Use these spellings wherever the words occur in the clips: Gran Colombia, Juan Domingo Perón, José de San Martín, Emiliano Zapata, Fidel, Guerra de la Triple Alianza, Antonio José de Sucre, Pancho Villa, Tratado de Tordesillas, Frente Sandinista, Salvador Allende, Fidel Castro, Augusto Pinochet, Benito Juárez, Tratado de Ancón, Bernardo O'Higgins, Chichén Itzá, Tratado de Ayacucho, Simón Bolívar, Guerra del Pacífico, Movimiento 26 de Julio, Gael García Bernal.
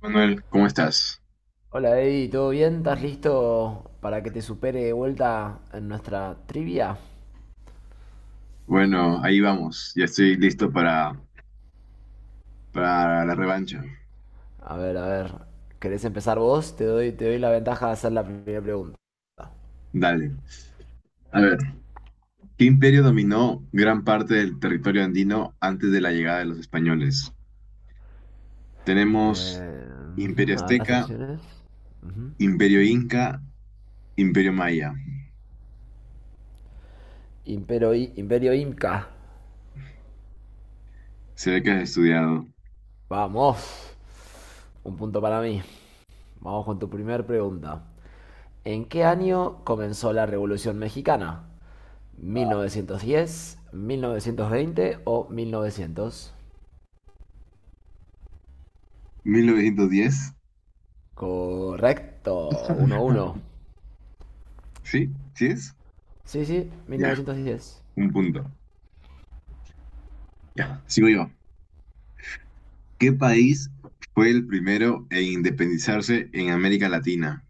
Manuel, ¿cómo estás? Hola Eddie, ¿todo bien? ¿Estás listo para que te supere de vuelta en nuestra trivia? Bueno, ahí vamos. Ya estoy listo para la revancha. A ver, ¿querés empezar vos? Te doy la ventaja de hacer la primera pregunta. Dale. A ver, ¿qué imperio dominó gran parte del territorio andino antes de la llegada de los españoles? Tenemos Eh, Imperio Ujú, a ver las Azteca, opciones. Imperio Inca, Imperio Maya. Imperio Inca. Se ve que has estudiado. Vamos. Un punto para mí. Vamos con tu primera pregunta. ¿En qué año comenzó la Revolución Mexicana? ¿1910, 1920 o 1900? 1910. Correcto. 1-1. ¿Sí? ¿Sí es? Sí, sí, Ya, 1910. un punto. Ya, sigo yo. ¿Qué país fue el primero en independizarse en América Latina?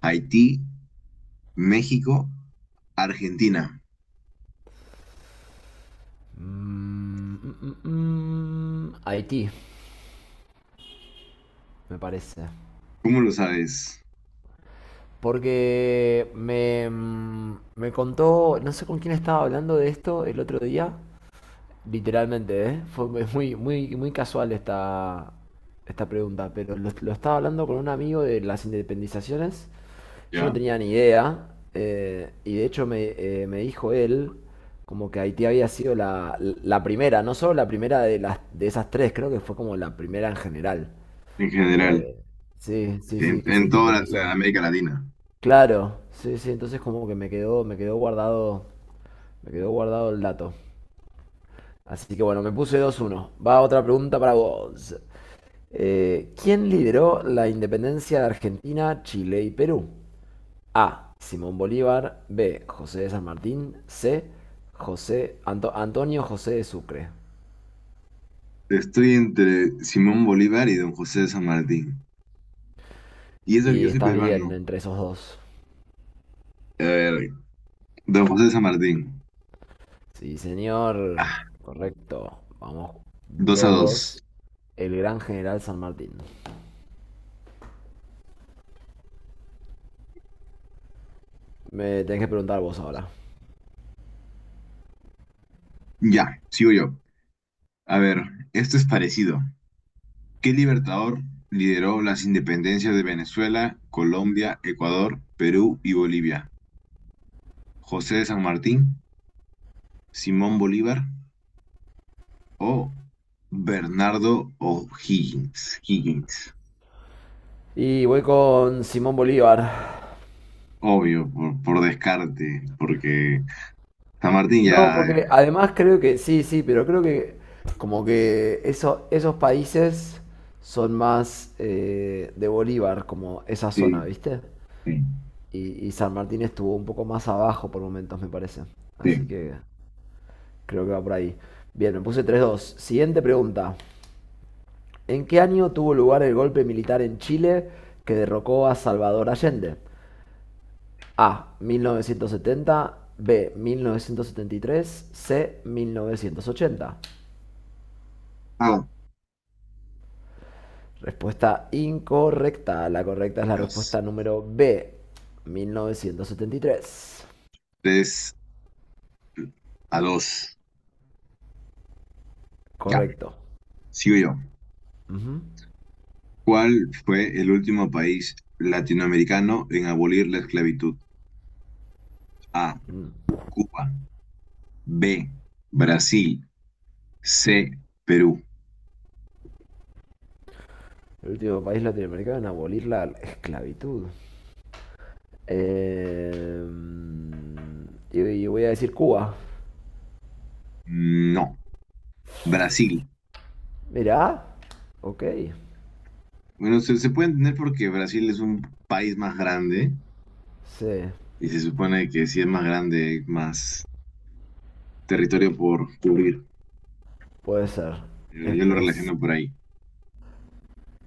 Haití, México, Argentina. Haití, me parece. ¿Cómo lo sabes? Porque me contó, no sé con quién estaba hablando de esto el otro día. Literalmente, ¿eh? Fue muy, muy, muy muy casual esta pregunta, pero lo estaba hablando con un amigo de las independizaciones. Yo no ¿Ya? tenía ni idea, y de hecho me dijo él como que Haití había sido la primera, no solo la primera de las de esas tres, creo que fue como la primera en general. En general, Eh, sí, sí, sí, que se en toda la independizó. América Latina. Claro, sí, sí, entonces como que me quedó guardado, me quedó guardado el dato. Así que bueno, me puse dos uno. Va otra pregunta para vos. ¿Quién lideró la independencia de Argentina, Chile y Perú? A. Simón Bolívar. B. José de San Martín. C. José Antonio José de Sucre. Estoy entre Simón Bolívar y Don José de San Martín. Y eso que yo Y soy estás bien peruano. entre esos dos. A ver, Don José de San Martín. Sí, señor. Ah, Correcto. Vamos. dos a Dos dos. dos. El gran general San Martín. Me tenés que preguntar vos ahora. Ya, sigo yo. A ver, esto es parecido. ¿Qué libertador lideró las independencias de Venezuela, Colombia, Ecuador, Perú y Bolivia? ¿José de San Martín? ¿Simón Bolívar? O Bernardo O'Higgins. Higgins. Y voy con Simón Bolívar. Obvio, por descarte, porque San Martín No, ya. porque además creo que, sí, sí, pero creo que como que esos países son más de Bolívar, como esa Sí, zona, ¿viste? sí, Y San Martín estuvo un poco más abajo por momentos, me parece. sí. Así que creo que va por ahí. Bien, me puse tres dos. Siguiente pregunta. ¿En qué año tuvo lugar el golpe militar en Chile que derrocó a Salvador Allende? A. 1970. B. 1973. C. 1980. Ah, Respuesta incorrecta. La correcta es la Dios. respuesta número B. 1973. 3 a dos. Ya, Correcto. sigo yo. Ujú. ¿Cuál fue el último país latinoamericano en abolir la esclavitud? A. Mm. Cuba. B. Brasil. C. Perú. El último país latinoamericano en abolir la esclavitud. Eh, y, Voy a decir Cuba. No. Brasil. Mirá. Ok. Bueno, se puede entender porque Brasil es un país más grande. Sí. Y se supone que si es más grande, más territorio por cubrir. Puede ser. Pero Es, yo lo es- relaciono por ahí.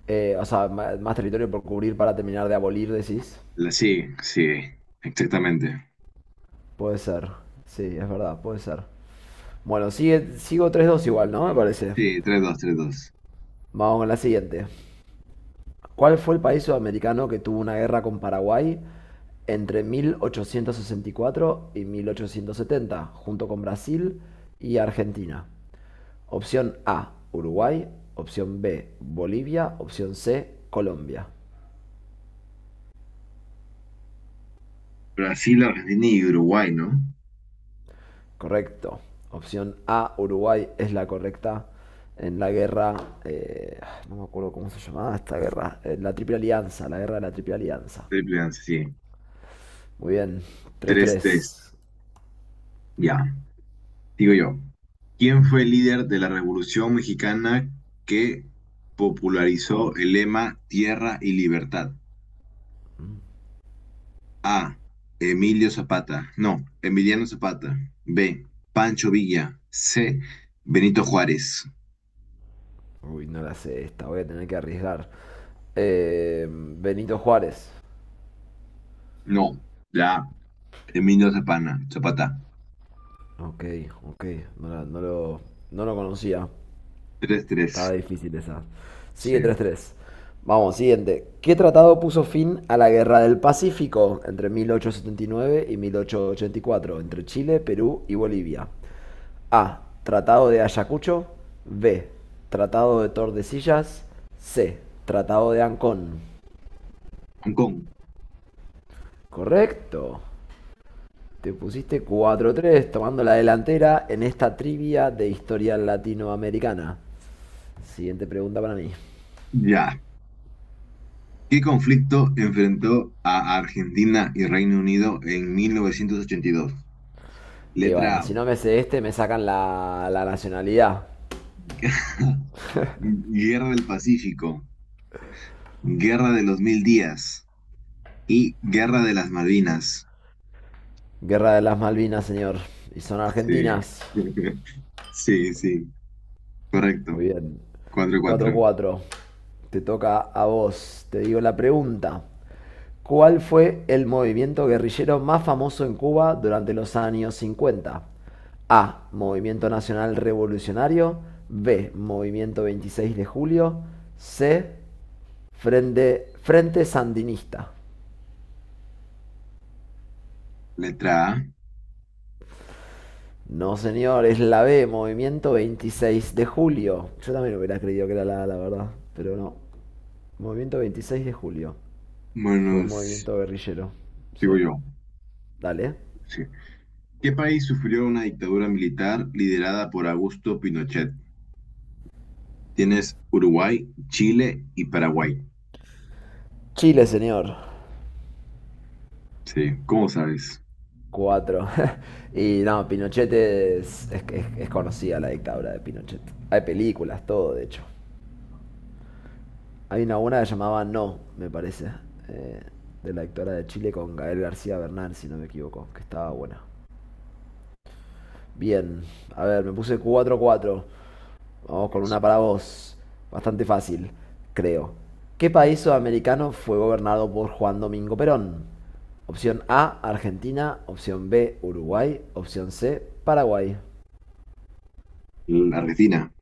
o sea, más, territorio por cubrir para terminar de abolir, decís. La sí, sigue. Exactamente. Puede ser. Sí, es verdad, puede ser. Bueno, sigo tres dos igual, ¿no? Me parece. Sí, tres dos, tres dos. Vamos con la siguiente. ¿Cuál fue el país sudamericano que tuvo una guerra con Paraguay entre 1864 y 1870, junto con Brasil y Argentina? Opción A, Uruguay. Opción B, Bolivia. Opción C, Colombia. Brasil, Argentina y Uruguay, ¿no? Correcto. Opción A, Uruguay es la correcta en la guerra, eh, no me acuerdo cómo se llamaba esta guerra, la Triple Alianza, la guerra de la Triple Alianza. Triple chance, sí. Muy bien, tres Tres tres. tres. Ya. Digo yo. ¿Quién fue el Ujú. líder de la Revolución Mexicana que popularizó el lema Tierra y Libertad? A. Emilio Zapata. No, Emiliano Zapata. B. Pancho Villa. C. Benito Juárez. Uy, no la sé esta, voy a tener que arriesgar. Benito Juárez. No, la A. Emilio Zapana, Zapata. Ok, ok, no, no lo conocía. Tres Estaba tres. difícil esa. Sí. Sigue tres tres. Vamos, siguiente. ¿Qué tratado puso fin a la Guerra del Pacífico entre 1879 y nueve y 1884 entre Chile, Perú y Bolivia? A. Tratado de Ayacucho. B. Tratado de Tordesillas. C. Tratado de Ancón. Hong Kong. Correcto. Te pusiste cuatro tres tomando la delantera en esta trivia de historia latinoamericana. Siguiente pregunta para mí. Ya. ¿Qué conflicto enfrentó a Argentina y Reino Unido en 1982? Y Letra bueno, A. si no me sé este, me sacan la nacionalidad. Guerra del Pacífico. Guerra de los Mil Días. Y Guerra de las Malvinas. Guerra de las Malvinas, señor. Y son Sí. argentinas. Sí, sí. Correcto. Muy bien. Cuatro y Cuatro 4. cuatro. Te toca a vos. Te digo la pregunta. ¿Cuál fue el movimiento guerrillero más famoso en Cuba durante los años 50? A. Movimiento Nacional Revolucionario. B. Movimiento 26 de Julio. C. Frente Sandinista. Letra A. No, señor, es la B. Movimiento 26 de Julio. Yo también hubiera creído que era la A, la verdad. Pero no. Movimiento 26 de Julio. Fue Bueno, el movimiento guerrillero. Sí. sigo yo. Dale. Sí. ¿Qué país sufrió una dictadura militar liderada por Augusto Pinochet? Tienes Uruguay, Chile y Paraguay. Chile, señor. Sí, ¿cómo sabes? Cuatro. Y no, Pinochet es conocida la dictadura de Pinochet. Hay películas, todo, de hecho. Hay una buena que llamaba No, me parece, eh, de la dictadura de Chile con Gael García Bernal, si no me equivoco, que estaba buena. Bien, a ver, me puse cuatro cuatro. Vamos con Es una para vos. Bastante fácil, creo. ¿Qué país sudamericano fue gobernado por Juan Domingo Perón? Opción A, Argentina. Opción B, Uruguay. Opción C, Paraguay. La Argentina.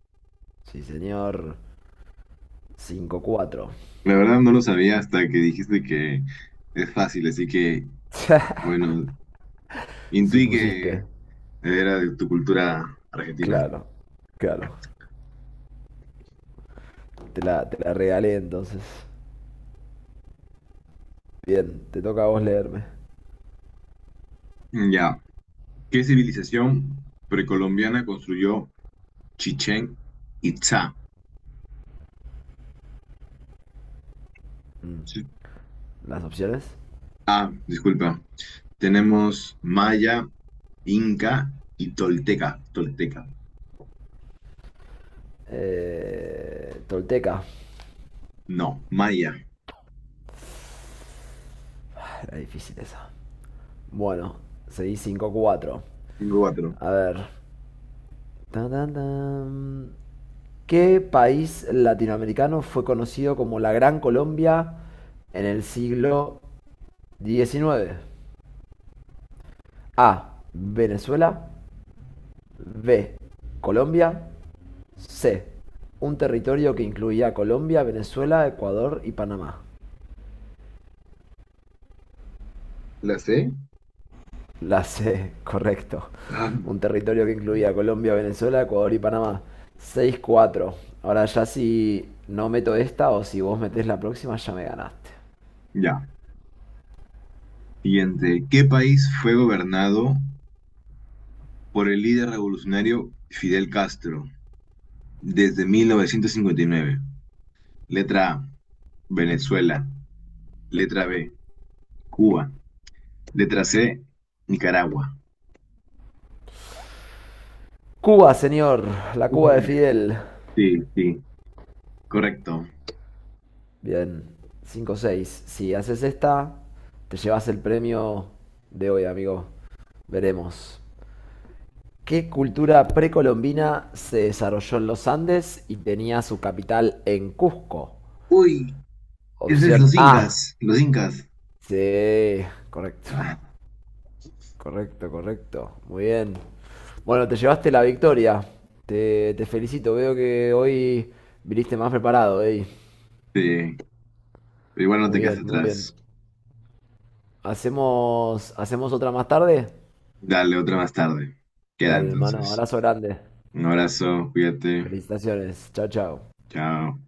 Sí, señor. Cinco cuatro. La verdad no lo sabía hasta que dijiste que es fácil, así que, bueno, intuí Supusiste. que era de tu cultura argentina. Claro, claro. Te la regalé entonces. Bien, te toca a vos leerme. Ya. ¿Qué civilización precolombiana construyó Chichén Itzá? Las opciones. Ah, disculpa. Tenemos maya, inca y tolteca. Tolteca. Tolteca. No, maya. Ah, era difícil esa. Bueno, seguí cinco cuatro. Tengo cuatro. A ver. Tan, tan, tan. ¿Qué país latinoamericano fue conocido como la Gran Colombia en el siglo XIX? A. Venezuela. B. Colombia. C. Un territorio que incluía Colombia, Venezuela, Ecuador y Panamá. ¿La sé? La C, correcto. Ah, Un territorio que incluía Colombia, Venezuela, Ecuador y Panamá. Seis cuatro. Ahora ya si no meto esta o si vos metés la próxima ya me ganaste. ya. Siguiente. ¿Qué país fue gobernado por el líder revolucionario Fidel Castro desde 1959? Letra A, Venezuela. Letra B, Cuba. Letra C, Nicaragua. Cuba, señor. La Cuba de Uy, Fidel. sí, sí, correcto. Bien. Cinco seis. Si haces esta, te llevas el premio de hoy, amigo. Veremos. ¿Qué cultura precolombina se desarrolló en los Andes y tenía su capital en Cusco? Uy, ese es Opción los A. incas, los incas. Sí, correcto, correcto, correcto. Muy bien. Bueno, te llevaste la victoria. Te felicito. Veo que hoy viniste más preparado, ey. Sí, pero igual no te Muy quedas bien, muy bien. atrás. ¿Hacemos otra más tarde? Dale otra más tarde. Queda Dale, hermano. entonces. Abrazo grande. Un abrazo, cuídate. Felicitaciones. Chao, chao. Chao.